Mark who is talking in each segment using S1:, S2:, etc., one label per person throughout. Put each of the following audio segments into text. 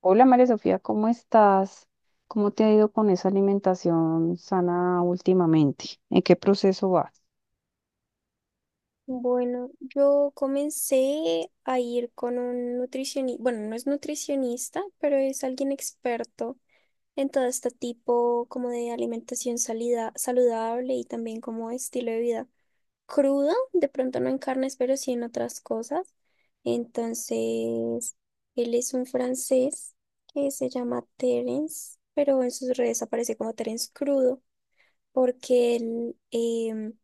S1: Hola María Sofía, ¿cómo estás? ¿Cómo te ha ido con esa alimentación sana últimamente? ¿En qué proceso vas?
S2: Bueno, yo comencé a ir con un nutricionista, bueno, no es nutricionista, pero es alguien experto en todo este tipo como de alimentación saludable y también como estilo de vida crudo, de pronto no en carnes, pero sí en otras cosas. Entonces, él es un francés que se llama Terence, pero en sus redes aparece como Terence crudo porque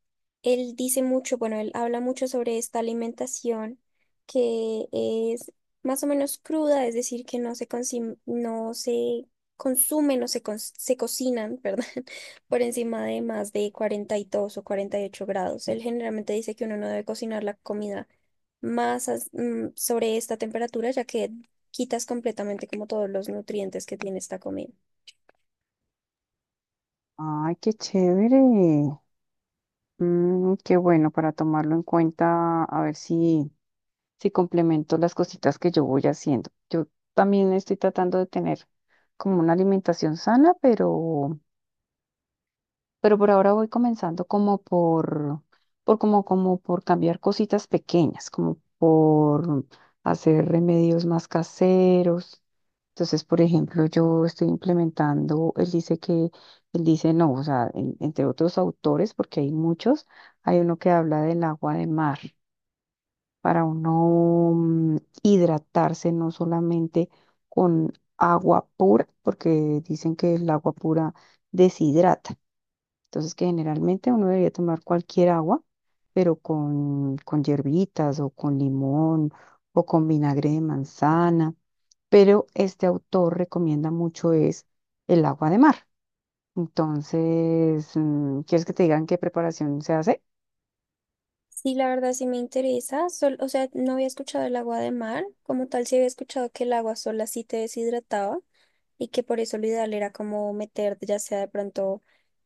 S2: él dice mucho, bueno, él habla mucho sobre esta alimentación que es más o menos cruda, es decir, que no se consume, no se, cons- se cocinan, perdón, por encima de más de 42 o 48 grados. Él generalmente dice que uno no debe cocinar la comida sobre esta temperatura, ya que quitas completamente como todos los nutrientes que tiene esta comida.
S1: Ay, qué chévere. Qué bueno para tomarlo en cuenta, a ver si complemento las cositas que yo voy haciendo. Yo también estoy tratando de tener como una alimentación sana, pero por ahora voy comenzando como por cambiar cositas pequeñas, como por hacer remedios más caseros. Entonces, por ejemplo, yo estoy implementando, él dice que, él dice no, o sea, entre otros autores, porque hay muchos, hay uno que habla del agua de mar, para uno hidratarse no solamente con agua pura, porque dicen que el agua pura deshidrata. Entonces, que generalmente uno debería tomar cualquier agua, pero con hierbitas o con limón o con vinagre de manzana. Pero este autor recomienda mucho es el agua de mar. Entonces, ¿quieres que te digan qué preparación se hace?
S2: Sí, la verdad sí me interesa. Sol, o sea, no había escuchado el agua de mar. Como tal, sí había escuchado que el agua sola sí te deshidrataba y que por eso lo ideal era como meter, ya sea de pronto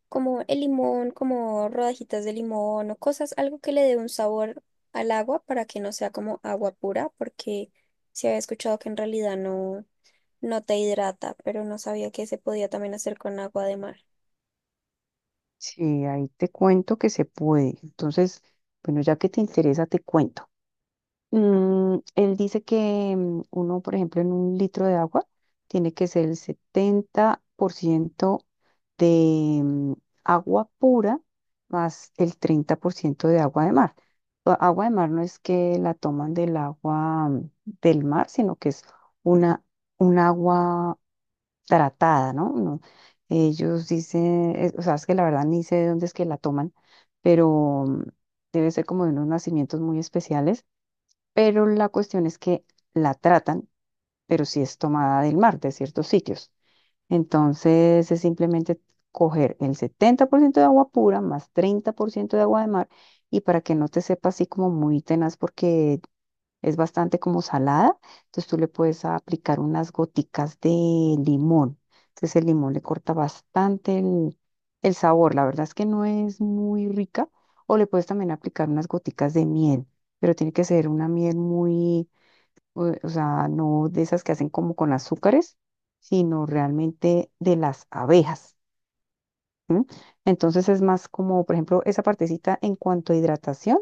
S2: como el limón, como rodajitas de limón o cosas, algo que le dé un sabor al agua para que no sea como agua pura, porque sí había escuchado que en realidad no, no te hidrata, pero no sabía que se podía también hacer con agua de mar.
S1: Sí, ahí te cuento que se puede. Entonces, bueno, ya que te interesa, te cuento. Él dice que uno, por ejemplo, en un litro de agua tiene que ser el 70% de agua pura más el 30% de agua de mar. Agua de mar no es que la toman del agua del mar, sino que es una, un agua tratada, ¿no? No, ellos dicen, o sea, es que la verdad ni sé de dónde es que la toman, pero debe ser como de unos nacimientos muy especiales, pero la cuestión es que la tratan, pero sí es tomada del mar, de ciertos sitios. Entonces es simplemente coger el 70% de agua pura más 30% de agua de mar, y para que no te sepa así como muy tenaz porque es bastante como salada, entonces tú le puedes aplicar unas goticas de limón. Entonces el limón le corta bastante el sabor, la verdad es que no es muy rica. O le puedes también aplicar unas goticas de miel, pero tiene que ser una miel muy, o sea, no de esas que hacen como con azúcares, sino realmente de las abejas. ¿M? Entonces es más como, por ejemplo, esa partecita en cuanto a hidratación,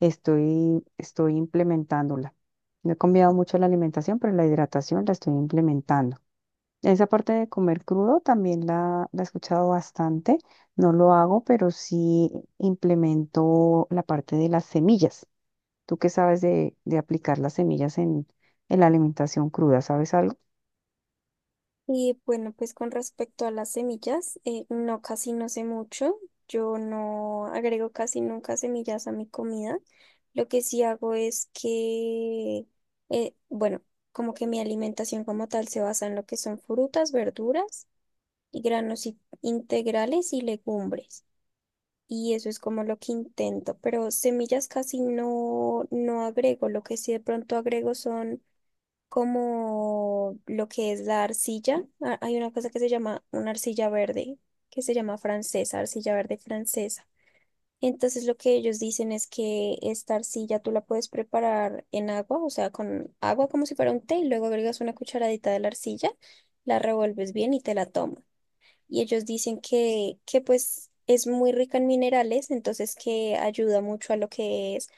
S1: estoy implementándola. No he cambiado mucho la alimentación, pero la hidratación la estoy implementando. Esa parte de comer crudo también la he escuchado bastante. No lo hago, pero sí implemento la parte de las semillas. ¿Tú qué sabes de aplicar las semillas en la alimentación cruda? ¿Sabes algo?
S2: Y bueno, pues con respecto a las semillas, no, casi no sé mucho. Yo no agrego casi nunca semillas a mi comida. Lo que sí hago es que, bueno, como que mi alimentación como tal se basa en lo que son frutas, verduras y granos integrales y legumbres. Y eso es como lo que intento, pero semillas casi no agrego. Lo que sí de pronto agrego son como lo que es la arcilla. Ah, hay una cosa que se llama una arcilla verde, que se llama francesa, arcilla verde francesa. Entonces lo que ellos dicen es que esta arcilla tú la puedes preparar en agua, o sea, con agua como si fuera un té, y luego agregas una cucharadita de la arcilla, la revuelves bien y te la tomas y ellos dicen que pues es muy rica en minerales, entonces que ayuda mucho a lo que es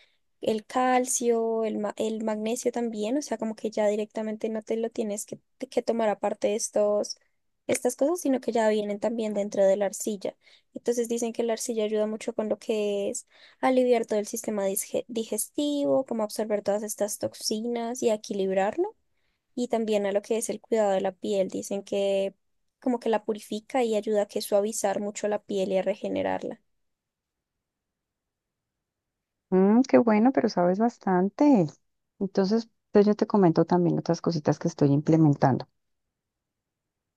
S2: el calcio, el magnesio también, o sea, como que ya directamente no te lo que tomar aparte de estas cosas, sino que ya vienen también dentro de la arcilla. Entonces dicen que la arcilla ayuda mucho con lo que es aliviar todo el sistema digestivo, como absorber todas estas toxinas y a equilibrarlo y también a lo que es el cuidado de la piel. Dicen que como que la purifica y ayuda a que suavizar mucho la piel y a regenerarla.
S1: Qué bueno, pero sabes bastante. Entonces, pues yo te comento también otras cositas que estoy implementando.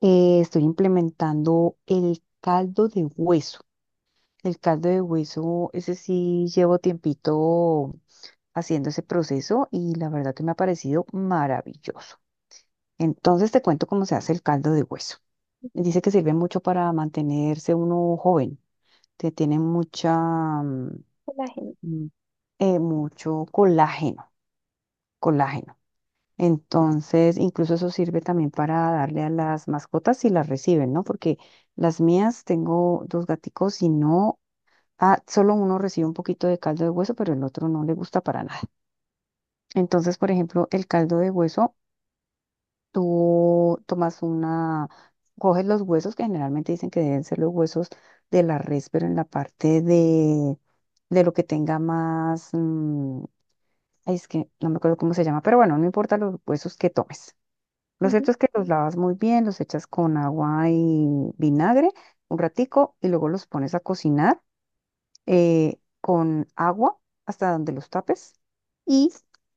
S1: Estoy implementando el caldo de hueso. El caldo de hueso, ese sí llevo tiempito haciendo ese proceso, y la verdad que me ha parecido maravilloso. Entonces te cuento cómo se hace el caldo de hueso. Dice que sirve mucho para mantenerse uno joven, te tiene mucha, mm,
S2: La gente.
S1: mm, mucho colágeno, colágeno. Entonces, incluso eso sirve también para darle a las mascotas si las reciben, ¿no? Porque las mías, tengo dos gaticos y no, solo uno recibe un poquito de caldo de hueso, pero el otro no le gusta para nada. Entonces, por ejemplo, el caldo de hueso, tú tomas una, coges los huesos, que generalmente dicen que deben ser los huesos de la res, pero en la parte de lo que tenga más, ay, es que no me acuerdo cómo se llama, pero bueno, no importa los huesos que tomes. Lo cierto
S2: Ujú.
S1: es que los lavas muy bien, los echas con agua y vinagre un ratico y luego los pones a cocinar con agua hasta donde los tapes y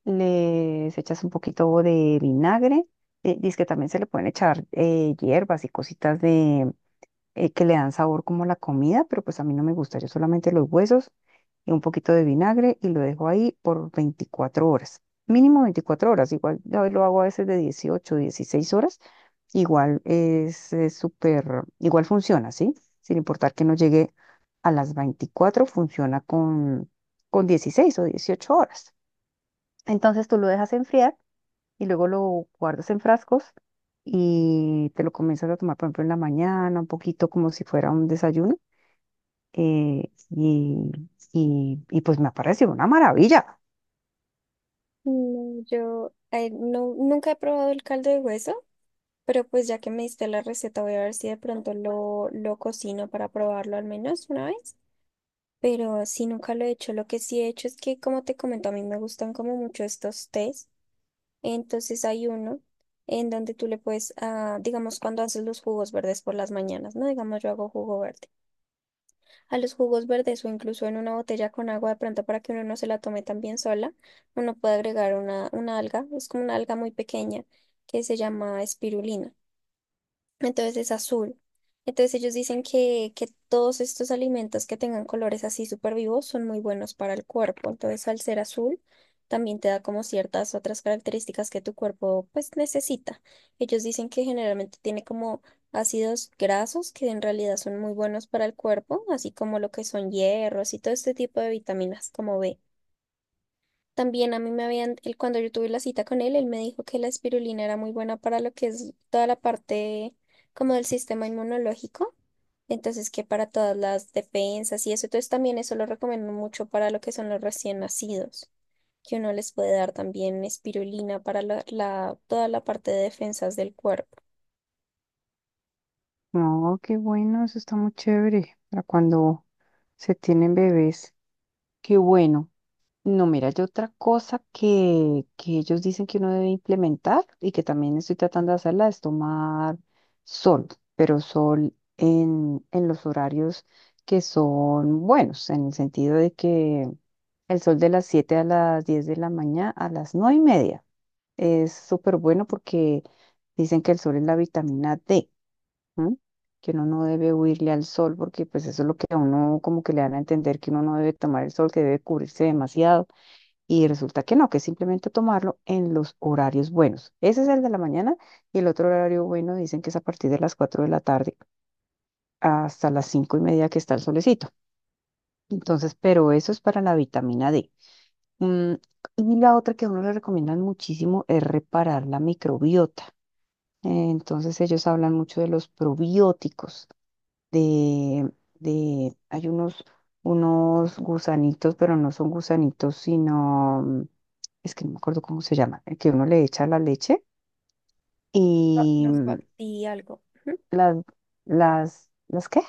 S1: les echas un poquito de vinagre. Dice que también se le pueden echar hierbas y cositas que le dan sabor como a la comida, pero pues a mí no me gusta. Yo solamente los huesos y un poquito de vinagre, y lo dejo ahí por 24 horas. Mínimo 24 horas, igual yo lo hago a veces de 18, 16 horas, igual es súper, igual funciona, ¿sí? Sin importar que no llegue a las 24, funciona con 16 o 18 horas. Entonces tú lo dejas enfriar y luego lo guardas en frascos y te lo comienzas a tomar, por ejemplo, en la mañana, un poquito como si fuera un desayuno. eh, y, y pues me ha parecido una maravilla.
S2: No, yo no, nunca he probado el caldo de hueso, pero pues ya que me diste la receta, voy a ver si de lo cocino para probarlo al menos una vez. Pero si nunca lo he hecho, lo que sí he hecho es que, como te comento, a mí me gustan como mucho estos tés. Entonces hay uno en donde tú le puedes, ah, digamos, cuando haces los jugos verdes por las mañanas, ¿no? Digamos, yo hago jugo verde. A los jugos verdes o incluso en una botella con agua de pronto para que uno no se la tome tan bien sola, uno puede agregar una alga, es como una alga muy pequeña que se llama espirulina entonces es azul. Entonces ellos dicen que todos estos alimentos que tengan colores así súper vivos son muy buenos para el cuerpo. Entonces al ser azul también te da como ciertas otras características que tu cuerpo pues necesita. Ellos dicen que generalmente tiene como ácidos grasos que en realidad son muy buenos para el cuerpo, así como lo que son hierros y todo este tipo de vitaminas como B. También a mí me habían, él, cuando yo tuve la cita con él, él me dijo que la espirulina era muy buena para lo que es toda la parte como del sistema inmunológico. Entonces, que para todas las defensas y eso. Entonces, también eso lo recomiendo mucho para lo que son los recién nacidos, que uno les puede dar también espirulina para toda la parte de defensas del cuerpo.
S1: No, qué bueno, eso está muy chévere para cuando se tienen bebés. Qué bueno. No, mira, yo otra cosa que ellos dicen que uno debe implementar y que también estoy tratando de hacerla es tomar sol, pero sol en los horarios que son buenos, en el sentido de que el sol de las 7 a las 10 de la mañana, a las 9:30, es súper bueno porque dicen que el sol es la vitamina D, ¿m? Que uno no debe huirle al sol, porque pues eso es lo que a uno como que le dan a entender, que uno no debe tomar el sol, que debe cubrirse demasiado, y resulta que no, que es simplemente tomarlo en los horarios buenos. Ese es el de la mañana, y el otro horario bueno dicen que es a partir de las 4 de la tarde hasta las 5:30 que está el solecito. Entonces, pero eso es para la vitamina D. Mm, y la otra que a uno le recomiendan muchísimo es reparar la microbiota. Entonces ellos hablan mucho de los probióticos, de, de hay unos gusanitos, pero no son gusanitos, sino, es que no me acuerdo cómo se llama, el que uno le echa a la leche y
S2: Los bacti algo. Ujú.
S1: las, ¿las qué?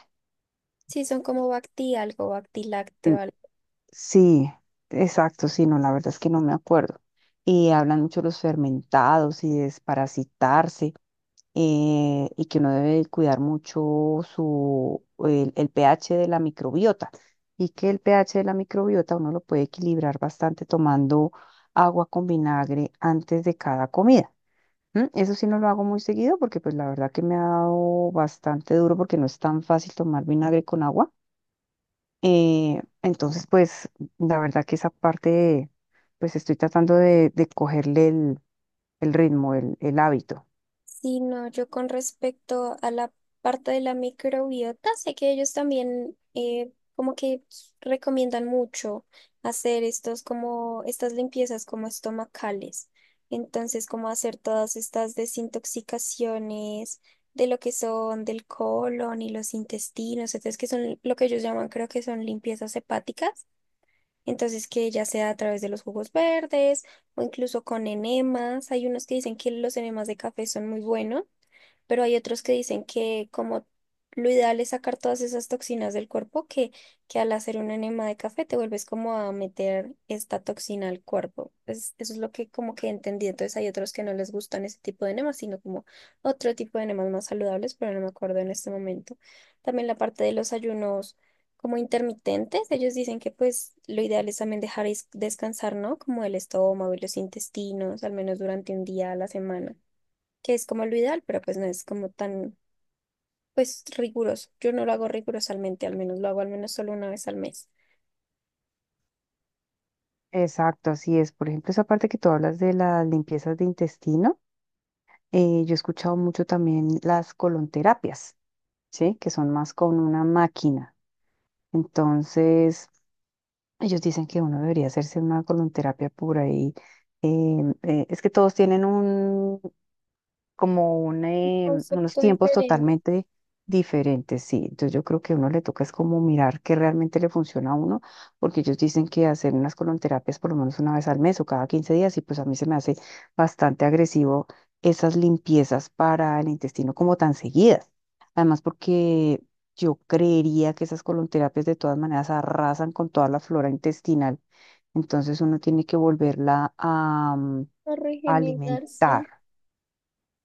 S2: Sí, son como bacti, algo,
S1: L-
S2: bactilacteo.
S1: Sí, exacto, sí, no, la verdad es que no me acuerdo. Y hablan mucho de los fermentados y desparasitarse. Y que uno debe cuidar mucho su, el pH de la microbiota, y que el pH de la microbiota uno lo puede equilibrar bastante tomando agua con vinagre antes de cada comida. ¿M? Eso sí no lo hago muy seguido porque pues la verdad que me ha dado bastante duro porque no es tan fácil tomar vinagre con agua. Entonces pues la verdad que esa parte, pues estoy tratando de cogerle el ritmo, el hábito.
S2: Sí, no, yo con respecto a la parte de la microbiota, sé que ellos también como que recomiendan mucho hacer estos como estas limpiezas como estomacales. Entonces, como hacer todas estas desintoxicaciones de lo que son del colon y los intestinos, entonces que son lo que ellos llaman, creo que son limpiezas hepáticas. Entonces, que ya sea a través de los jugos verdes o incluso con enemas. Hay unos que dicen que los enemas de café son muy buenos pero hay otros que dicen que como lo ideal es sacar todas esas toxinas del cuerpo, que al hacer un enema de café te vuelves como a meter esta toxina al cuerpo. Eso es lo que como que entendí. Entonces hay otros que no les gustan ese tipo de enemas, sino como otro tipo de enemas más saludables, pero no me acuerdo en este momento. También la parte de los ayunos como intermitentes, ellos dicen que pues lo ideal es también dejar descansar, ¿no? Como el estómago y los intestinos, al menos durante un día a la semana que es como lo ideal, pero pues no es como tan, pues riguroso. Yo no lo hago rigurosamente, al menos lo hago al menos solo una vez al mes.
S1: Exacto, así es. Por ejemplo, esa parte que tú hablas de las limpiezas de intestino, yo he escuchado mucho también las colonterapias, ¿sí? Que son más con una máquina. Entonces, ellos dicen que uno debería hacerse una colonterapia por ahí. Es que todos tienen un, como un,
S2: Un
S1: unos
S2: concepto
S1: tiempos
S2: diferente,
S1: totalmente diferentes, sí. Entonces yo creo que a uno le toca es como mirar qué realmente le funciona a uno, porque ellos dicen que hacer unas colonterapias por lo menos una vez al mes o cada 15 días, y pues a mí se me hace bastante agresivo esas limpiezas para el intestino como tan seguidas. Además, porque yo creería que esas colonterapias de todas maneras arrasan con toda la flora intestinal, entonces uno tiene que volverla a
S2: a
S1: a
S2: regenerar,
S1: alimentar.
S2: sí,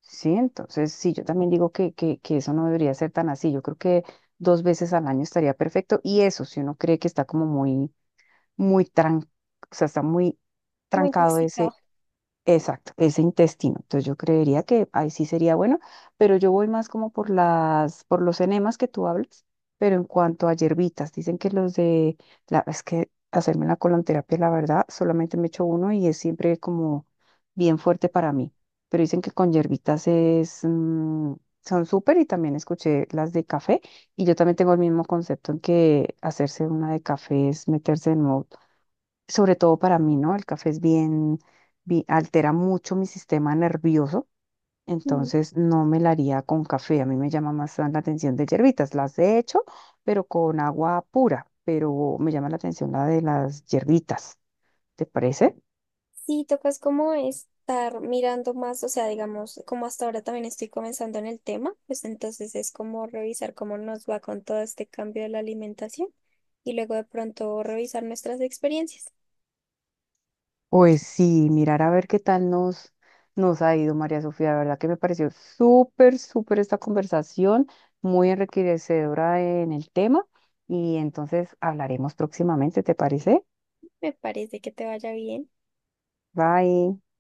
S1: Sí, entonces sí, yo también digo que eso no debería ser tan así. Yo creo que dos veces al año estaría perfecto. Y eso, si uno cree que está como muy, o sea, está muy
S2: como
S1: trancado ese.
S2: intoxicado.
S1: Exacto, ese intestino. Entonces yo creería que ahí sí sería bueno, pero yo voy más como por las, por los enemas que tú hablas, pero en cuanto a hierbitas, dicen que los de la, es que hacerme la colonterapia, la verdad, solamente me he hecho uno, y es siempre como bien fuerte para mí. Pero dicen que con hierbitas es, son súper, y también escuché las de café, y yo también tengo el mismo concepto en que hacerse una de café es meterse en modo, sobre todo para mí, ¿no? El café es bien, altera mucho mi sistema nervioso,
S2: Ujú.
S1: entonces no me la haría con café. A mí me llama más la atención de hierbitas. Las he hecho, pero con agua pura, pero me llama la atención la de las hierbitas. ¿Te parece?
S2: Sí, tocas como estar mirando más, o sea, digamos, como hasta ahora también estoy comenzando en el tema, pues entonces es como revisar cómo nos va con todo este cambio de la alimentación y luego de pronto revisar nuestras experiencias.
S1: Pues sí, mirar a ver qué tal nos ha ido, María Sofía. De verdad que me pareció súper, súper esta conversación, muy enriquecedora en el tema. Y entonces hablaremos próximamente, ¿te parece?
S2: Me parece que te vaya bien.
S1: Bye.